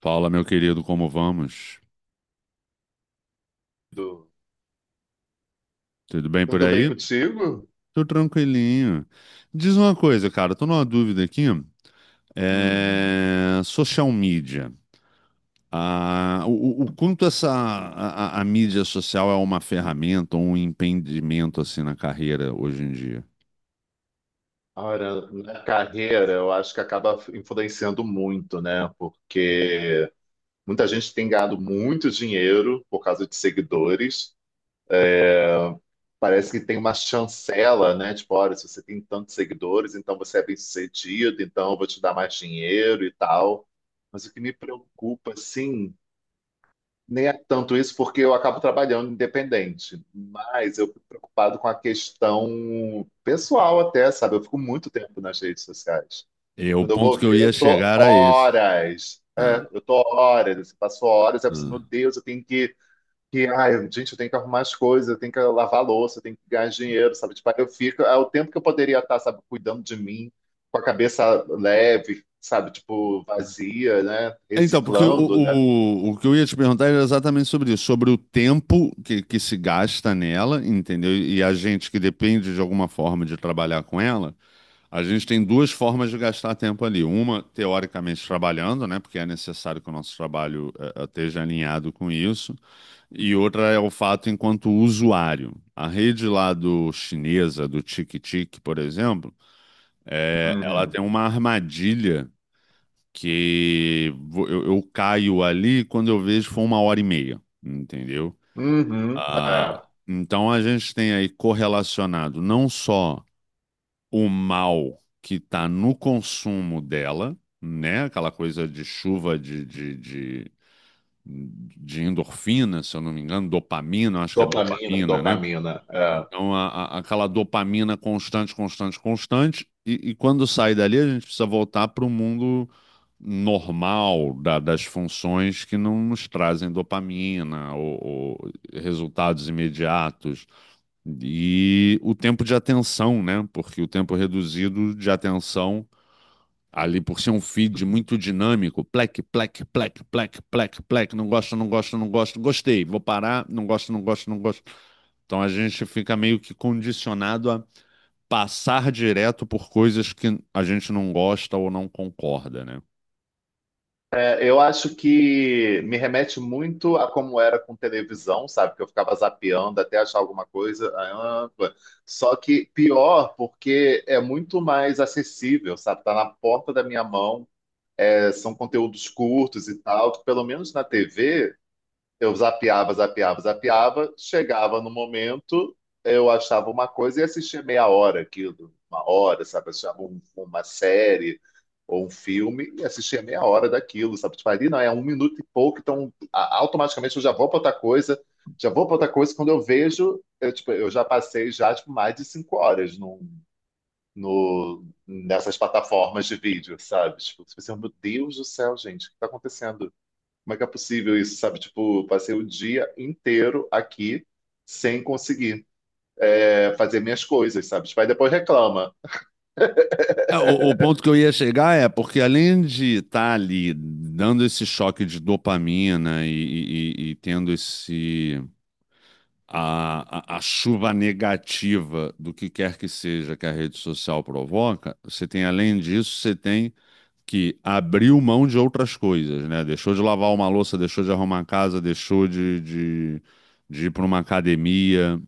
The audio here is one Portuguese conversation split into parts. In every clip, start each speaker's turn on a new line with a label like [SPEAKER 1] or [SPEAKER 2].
[SPEAKER 1] Fala, meu querido, como vamos?
[SPEAKER 2] Tudo,
[SPEAKER 1] Tudo bem por
[SPEAKER 2] tudo bem
[SPEAKER 1] aí?
[SPEAKER 2] contigo?
[SPEAKER 1] Tô tranquilinho. Diz uma coisa, cara, tô numa dúvida aqui.
[SPEAKER 2] Hum.
[SPEAKER 1] Social media. Ah, o quanto essa a mídia social é uma ferramenta ou um impedimento assim na carreira hoje em dia?
[SPEAKER 2] Ora, na carreira, eu acho que acaba influenciando muito, né? Porque muita gente tem ganhado muito dinheiro por causa de seguidores. Parece que tem uma chancela, né? Tipo, olha, se você tem tantos seguidores, então você é bem-sucedido, então eu vou te dar mais dinheiro e tal. Mas o que me preocupa, assim, nem é tanto isso, porque eu acabo trabalhando independente, mas eu fico preocupado com a questão pessoal até, sabe? Eu fico muito tempo nas redes sociais.
[SPEAKER 1] E o
[SPEAKER 2] Quando eu vou
[SPEAKER 1] ponto que eu
[SPEAKER 2] ver, eu
[SPEAKER 1] ia
[SPEAKER 2] tô
[SPEAKER 1] chegar a esse.
[SPEAKER 2] horas.
[SPEAKER 1] Ah,
[SPEAKER 2] É, eu tô horas, assim, passo horas, eu preciso, meu
[SPEAKER 1] ah.
[SPEAKER 2] Deus, eu tenho que, ai, gente, eu tenho que arrumar as coisas, eu tenho que lavar a louça, eu tenho que ganhar dinheiro, sabe? Tipo, aí eu fico, é o tempo que eu poderia estar, sabe, cuidando de mim, com a cabeça leve, sabe, tipo, vazia, né?
[SPEAKER 1] Então, porque o,
[SPEAKER 2] Reciclando, né?
[SPEAKER 1] o, o que eu ia te perguntar era exatamente sobre isso, sobre o tempo que se gasta nela, entendeu? E a gente que depende de alguma forma de trabalhar com ela, a gente tem duas formas de gastar tempo ali. Uma, teoricamente, trabalhando, né? Porque é necessário que o nosso trabalho esteja alinhado com isso. E outra é o fato enquanto usuário. A rede lá do chinesa, do Tic-Tic, por exemplo, ela tem uma armadilha que eu caio ali quando eu vejo foi uma hora e meia, entendeu?
[SPEAKER 2] Uhum.
[SPEAKER 1] Ah,
[SPEAKER 2] É.
[SPEAKER 1] então a gente tem aí correlacionado não só o mal que está no consumo dela, né? Aquela coisa de chuva de endorfina, se eu não me engano, dopamina, acho que é
[SPEAKER 2] Dopamina,
[SPEAKER 1] dopamina, né?
[SPEAKER 2] dopamina. É.
[SPEAKER 1] Então, aquela dopamina constante, constante, constante. E quando sai dali, a gente precisa voltar para o mundo normal da- das funções que não nos trazem dopamina ou resultados imediatos. E o tempo de atenção, né? Porque o tempo reduzido de atenção, ali por ser um feed muito dinâmico, plec, plec, plec, plec, plec, plec, não gosto, não gosto, não gosto, gostei, vou parar, não gosto, não gosto, não gosto. Então a gente fica meio que condicionado a passar direto por coisas que a gente não gosta ou não concorda, né?
[SPEAKER 2] É, eu acho que me remete muito a como era com televisão, sabe? Que eu ficava zapeando até achar alguma coisa. Ah, pô. Só que pior, porque é muito mais acessível, sabe? Tá na porta da minha mão. É, são conteúdos curtos e tal, que pelo menos na TV. Eu zapeava, zapeava, zapeava, chegava no momento, eu achava uma coisa e assistia meia hora aquilo, uma hora, sabe? Achava uma série ou um filme e assistia meia hora daquilo, sabe? Tipo, ali não, é um minuto e pouco, então automaticamente eu já vou para outra coisa, já vou para outra coisa. Quando eu vejo, eu, tipo, eu já passei já tipo, mais de cinco horas num, no, nessas plataformas de vídeo, sabe? Tipo, você pensa, meu Deus do céu, gente, o que está acontecendo? Como é que é possível isso, sabe? Tipo, passei o dia inteiro aqui sem conseguir fazer minhas coisas, sabe? Tipo, aí depois reclama.
[SPEAKER 1] É, o ponto que eu ia chegar é porque além de estar ali dando esse choque de dopamina e tendo esse a chuva negativa do que quer que seja que a rede social provoca, você tem além disso, você tem que abriu mão de outras coisas, né? Deixou de lavar uma louça, deixou de arrumar a casa, deixou de ir para uma academia.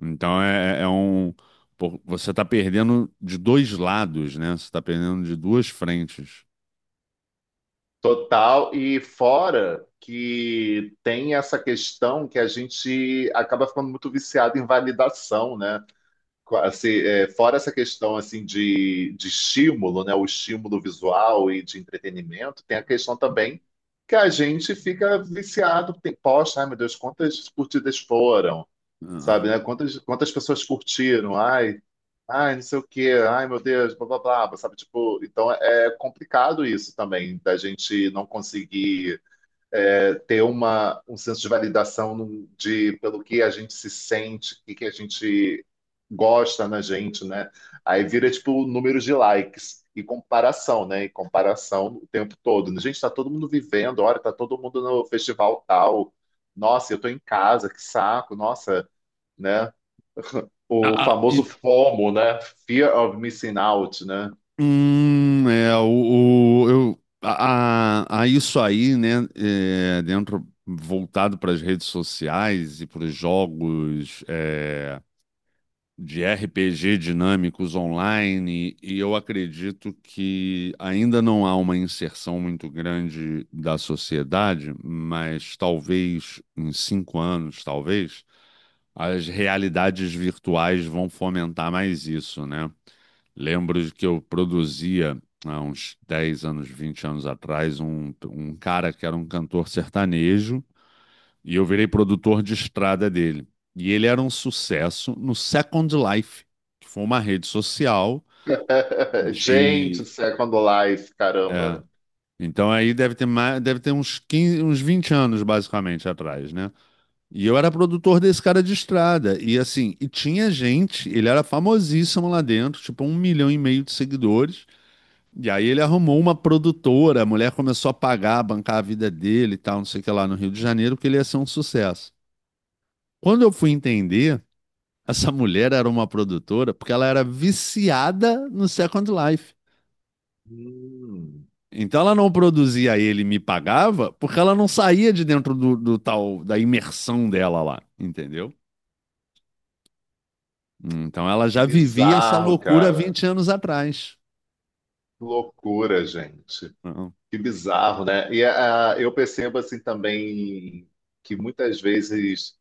[SPEAKER 1] Então é, é é um. Pô, você está perdendo de dois lados, né? Você está perdendo de duas frentes.
[SPEAKER 2] Total. E fora que tem essa questão que a gente acaba ficando muito viciado em validação, né? Assim, é, fora essa questão assim de estímulo, né? O estímulo visual e de entretenimento, tem a questão também que a gente fica viciado. Tem, poxa, ai meu Deus, quantas curtidas foram?
[SPEAKER 1] Ah,
[SPEAKER 2] Sabe, né? Quantas, quantas pessoas curtiram? Ai, ai, não sei o quê, ai, meu Deus, blá, blá, blá, sabe? Tipo, então é complicado isso também, da gente não conseguir ter uma, um senso de validação de pelo que a gente se sente, o que que a gente gosta na gente, né? Aí vira, tipo, números de likes. E comparação, né? E comparação o tempo todo. Né? Gente, tá todo mundo vivendo, olha, tá todo mundo no festival tal. Nossa, eu tô em casa, que saco. Nossa, né? O
[SPEAKER 1] ah.
[SPEAKER 2] famoso FOMO, né? Fear of Missing Out, né?
[SPEAKER 1] Hum, é, o, a isso aí, né? Dentro, voltado para as redes sociais e para os jogos. É, de RPG dinâmicos online, e eu acredito que ainda não há uma inserção muito grande da sociedade, mas talvez em 5 anos, talvez, as realidades virtuais vão fomentar mais isso, né? Lembro de que eu produzia há uns 10 anos, 20 anos atrás, um cara que era um cantor sertanejo e eu virei produtor de estrada dele. E ele era um sucesso no Second Life, que foi uma rede social.
[SPEAKER 2] Gente,
[SPEAKER 1] De.
[SPEAKER 2] Second Life,
[SPEAKER 1] É.
[SPEAKER 2] caramba.
[SPEAKER 1] Então aí deve ter mais, deve ter uns 15, uns 20 anos, basicamente, atrás, né? E eu era produtor desse cara de estrada. E assim, e tinha gente, ele era famosíssimo lá dentro, tipo um milhão e meio de seguidores. E aí ele arrumou uma produtora, a mulher começou a pagar, bancar a vida dele e tal, não sei o que lá no Rio de Janeiro, que ele ia ser um sucesso. Quando eu fui entender, essa mulher era uma produtora porque ela era viciada no Second Life.
[SPEAKER 2] Hum,
[SPEAKER 1] Então ela não produzia ele e me pagava porque ela não saía de dentro do, do tal da imersão dela lá, entendeu? Então ela
[SPEAKER 2] que
[SPEAKER 1] já vivia essa
[SPEAKER 2] bizarro,
[SPEAKER 1] loucura há
[SPEAKER 2] cara.
[SPEAKER 1] 20 anos atrás.
[SPEAKER 2] Que loucura, gente.
[SPEAKER 1] Não.
[SPEAKER 2] Que bizarro, né? E ah, eu percebo assim também que muitas vezes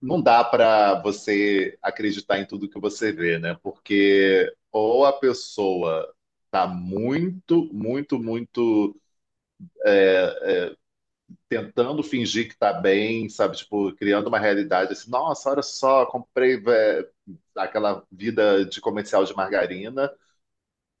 [SPEAKER 2] não dá para você acreditar em tudo que você vê, né? Porque ou a pessoa tá muito, muito, muito tentando fingir que está bem, sabe? Tipo, criando uma realidade assim, nossa, olha só, comprei vé, aquela vida de comercial de margarina,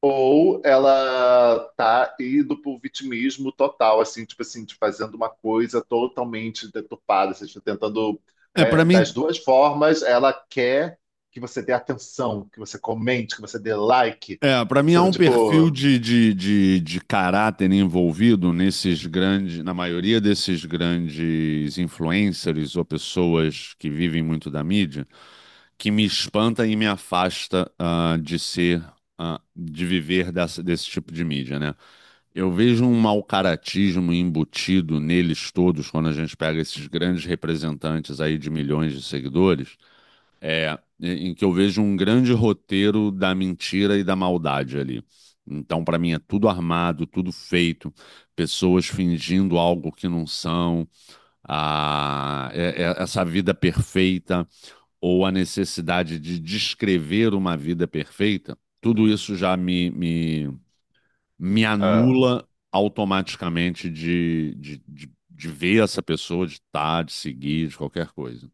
[SPEAKER 2] ou ela tá indo pro vitimismo total, assim, tipo assim, de fazendo uma coisa totalmente deturpada, assim, tipo, tentando,
[SPEAKER 1] É, para
[SPEAKER 2] né,
[SPEAKER 1] mim,
[SPEAKER 2] das duas formas, ela quer que você dê atenção, que você comente, que você dê like,
[SPEAKER 1] para mim, há
[SPEAKER 2] sabe?
[SPEAKER 1] um perfil
[SPEAKER 2] Tipo,
[SPEAKER 1] de caráter envolvido nesses grandes, na maioria desses grandes influencers ou pessoas que vivem muito da mídia, que me espanta e me afasta, de ser, de viver desse tipo de mídia, né? Eu vejo um mal-caratismo embutido neles todos quando a gente pega esses grandes representantes aí de milhões de seguidores, em que eu vejo um grande roteiro da mentira e da maldade ali. Então, para mim, é tudo armado, tudo feito, pessoas fingindo algo que não são, ah, é- é- essa vida perfeita ou a necessidade de descrever uma vida perfeita, tudo isso já me
[SPEAKER 2] ah,
[SPEAKER 1] anula automaticamente de ver essa pessoa, de estar, de seguir, de qualquer coisa.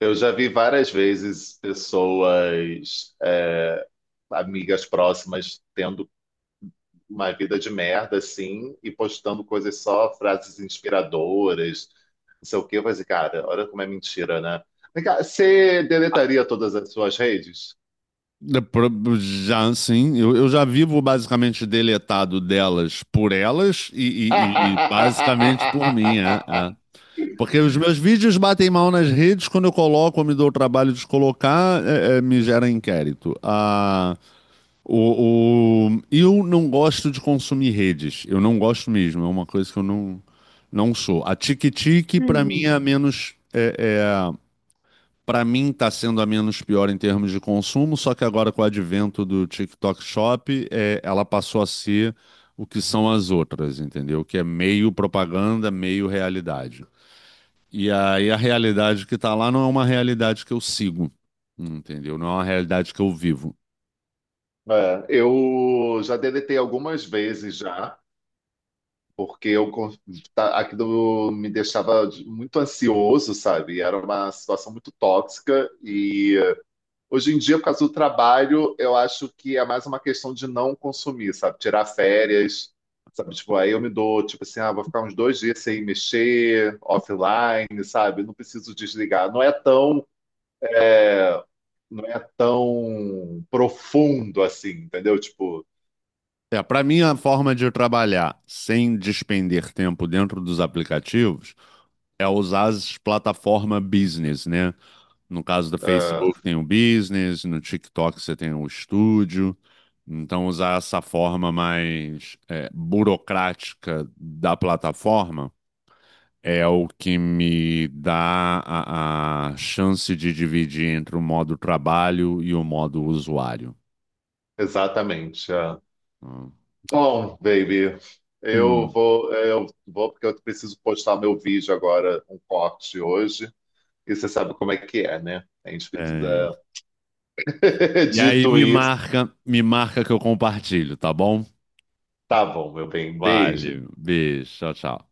[SPEAKER 2] eu já vi várias vezes pessoas amigas próximas tendo uma vida de merda, assim, e postando coisas só, frases inspiradoras, não sei o quê. Eu falei assim, cara, olha como é mentira, né? Vem cá, você deletaria todas as suas redes?
[SPEAKER 1] Já, sim, eu já vivo basicamente deletado delas por elas e basicamente por mim. Porque os meus vídeos batem mal nas redes, quando eu coloco, eu me dou o trabalho de colocar, me gera inquérito. Ah, eu não gosto de consumir redes. Eu não gosto mesmo. É uma coisa que eu não sou. A Tiki-Tiki, para mim, é a menos. Para mim, está sendo a menos pior em termos de consumo. Só que agora, com o advento do TikTok Shop, ela passou a ser o que são as outras, entendeu? Que é meio propaganda, meio realidade. E aí, a realidade que está lá não é uma realidade que eu sigo, entendeu? Não é uma realidade que eu vivo.
[SPEAKER 2] É, eu já deletei algumas vezes já, porque aquilo me deixava muito ansioso, sabe? Era uma situação muito tóxica e hoje em dia, por causa do trabalho, eu acho que é mais uma questão de não consumir, sabe? Tirar férias, sabe? Tipo, aí eu me dou, tipo assim, ah, vou ficar uns dois dias sem mexer, offline, sabe? Não preciso desligar. Não é tão, é, não é tão profundo assim, entendeu? Tipo,
[SPEAKER 1] É, para mim, a forma de trabalhar sem despender tempo dentro dos aplicativos é usar as plataformas business, né? No caso do
[SPEAKER 2] é,
[SPEAKER 1] Facebook tem o business, no TikTok você tem o estúdio. Então, usar essa forma mais burocrática da plataforma é o que me dá a chance de dividir entre o modo trabalho e o modo usuário.
[SPEAKER 2] exatamente. É. Bom, baby,
[SPEAKER 1] Hum,
[SPEAKER 2] eu vou porque eu preciso postar meu vídeo agora, um corte hoje. E você sabe como é que é, né? A gente
[SPEAKER 1] é.
[SPEAKER 2] precisa.
[SPEAKER 1] E aí
[SPEAKER 2] Dito isso,
[SPEAKER 1] me marca que eu compartilho, tá bom?
[SPEAKER 2] tá bom, meu bem. Beijo.
[SPEAKER 1] Vale. Beijo. Tchau, tchau.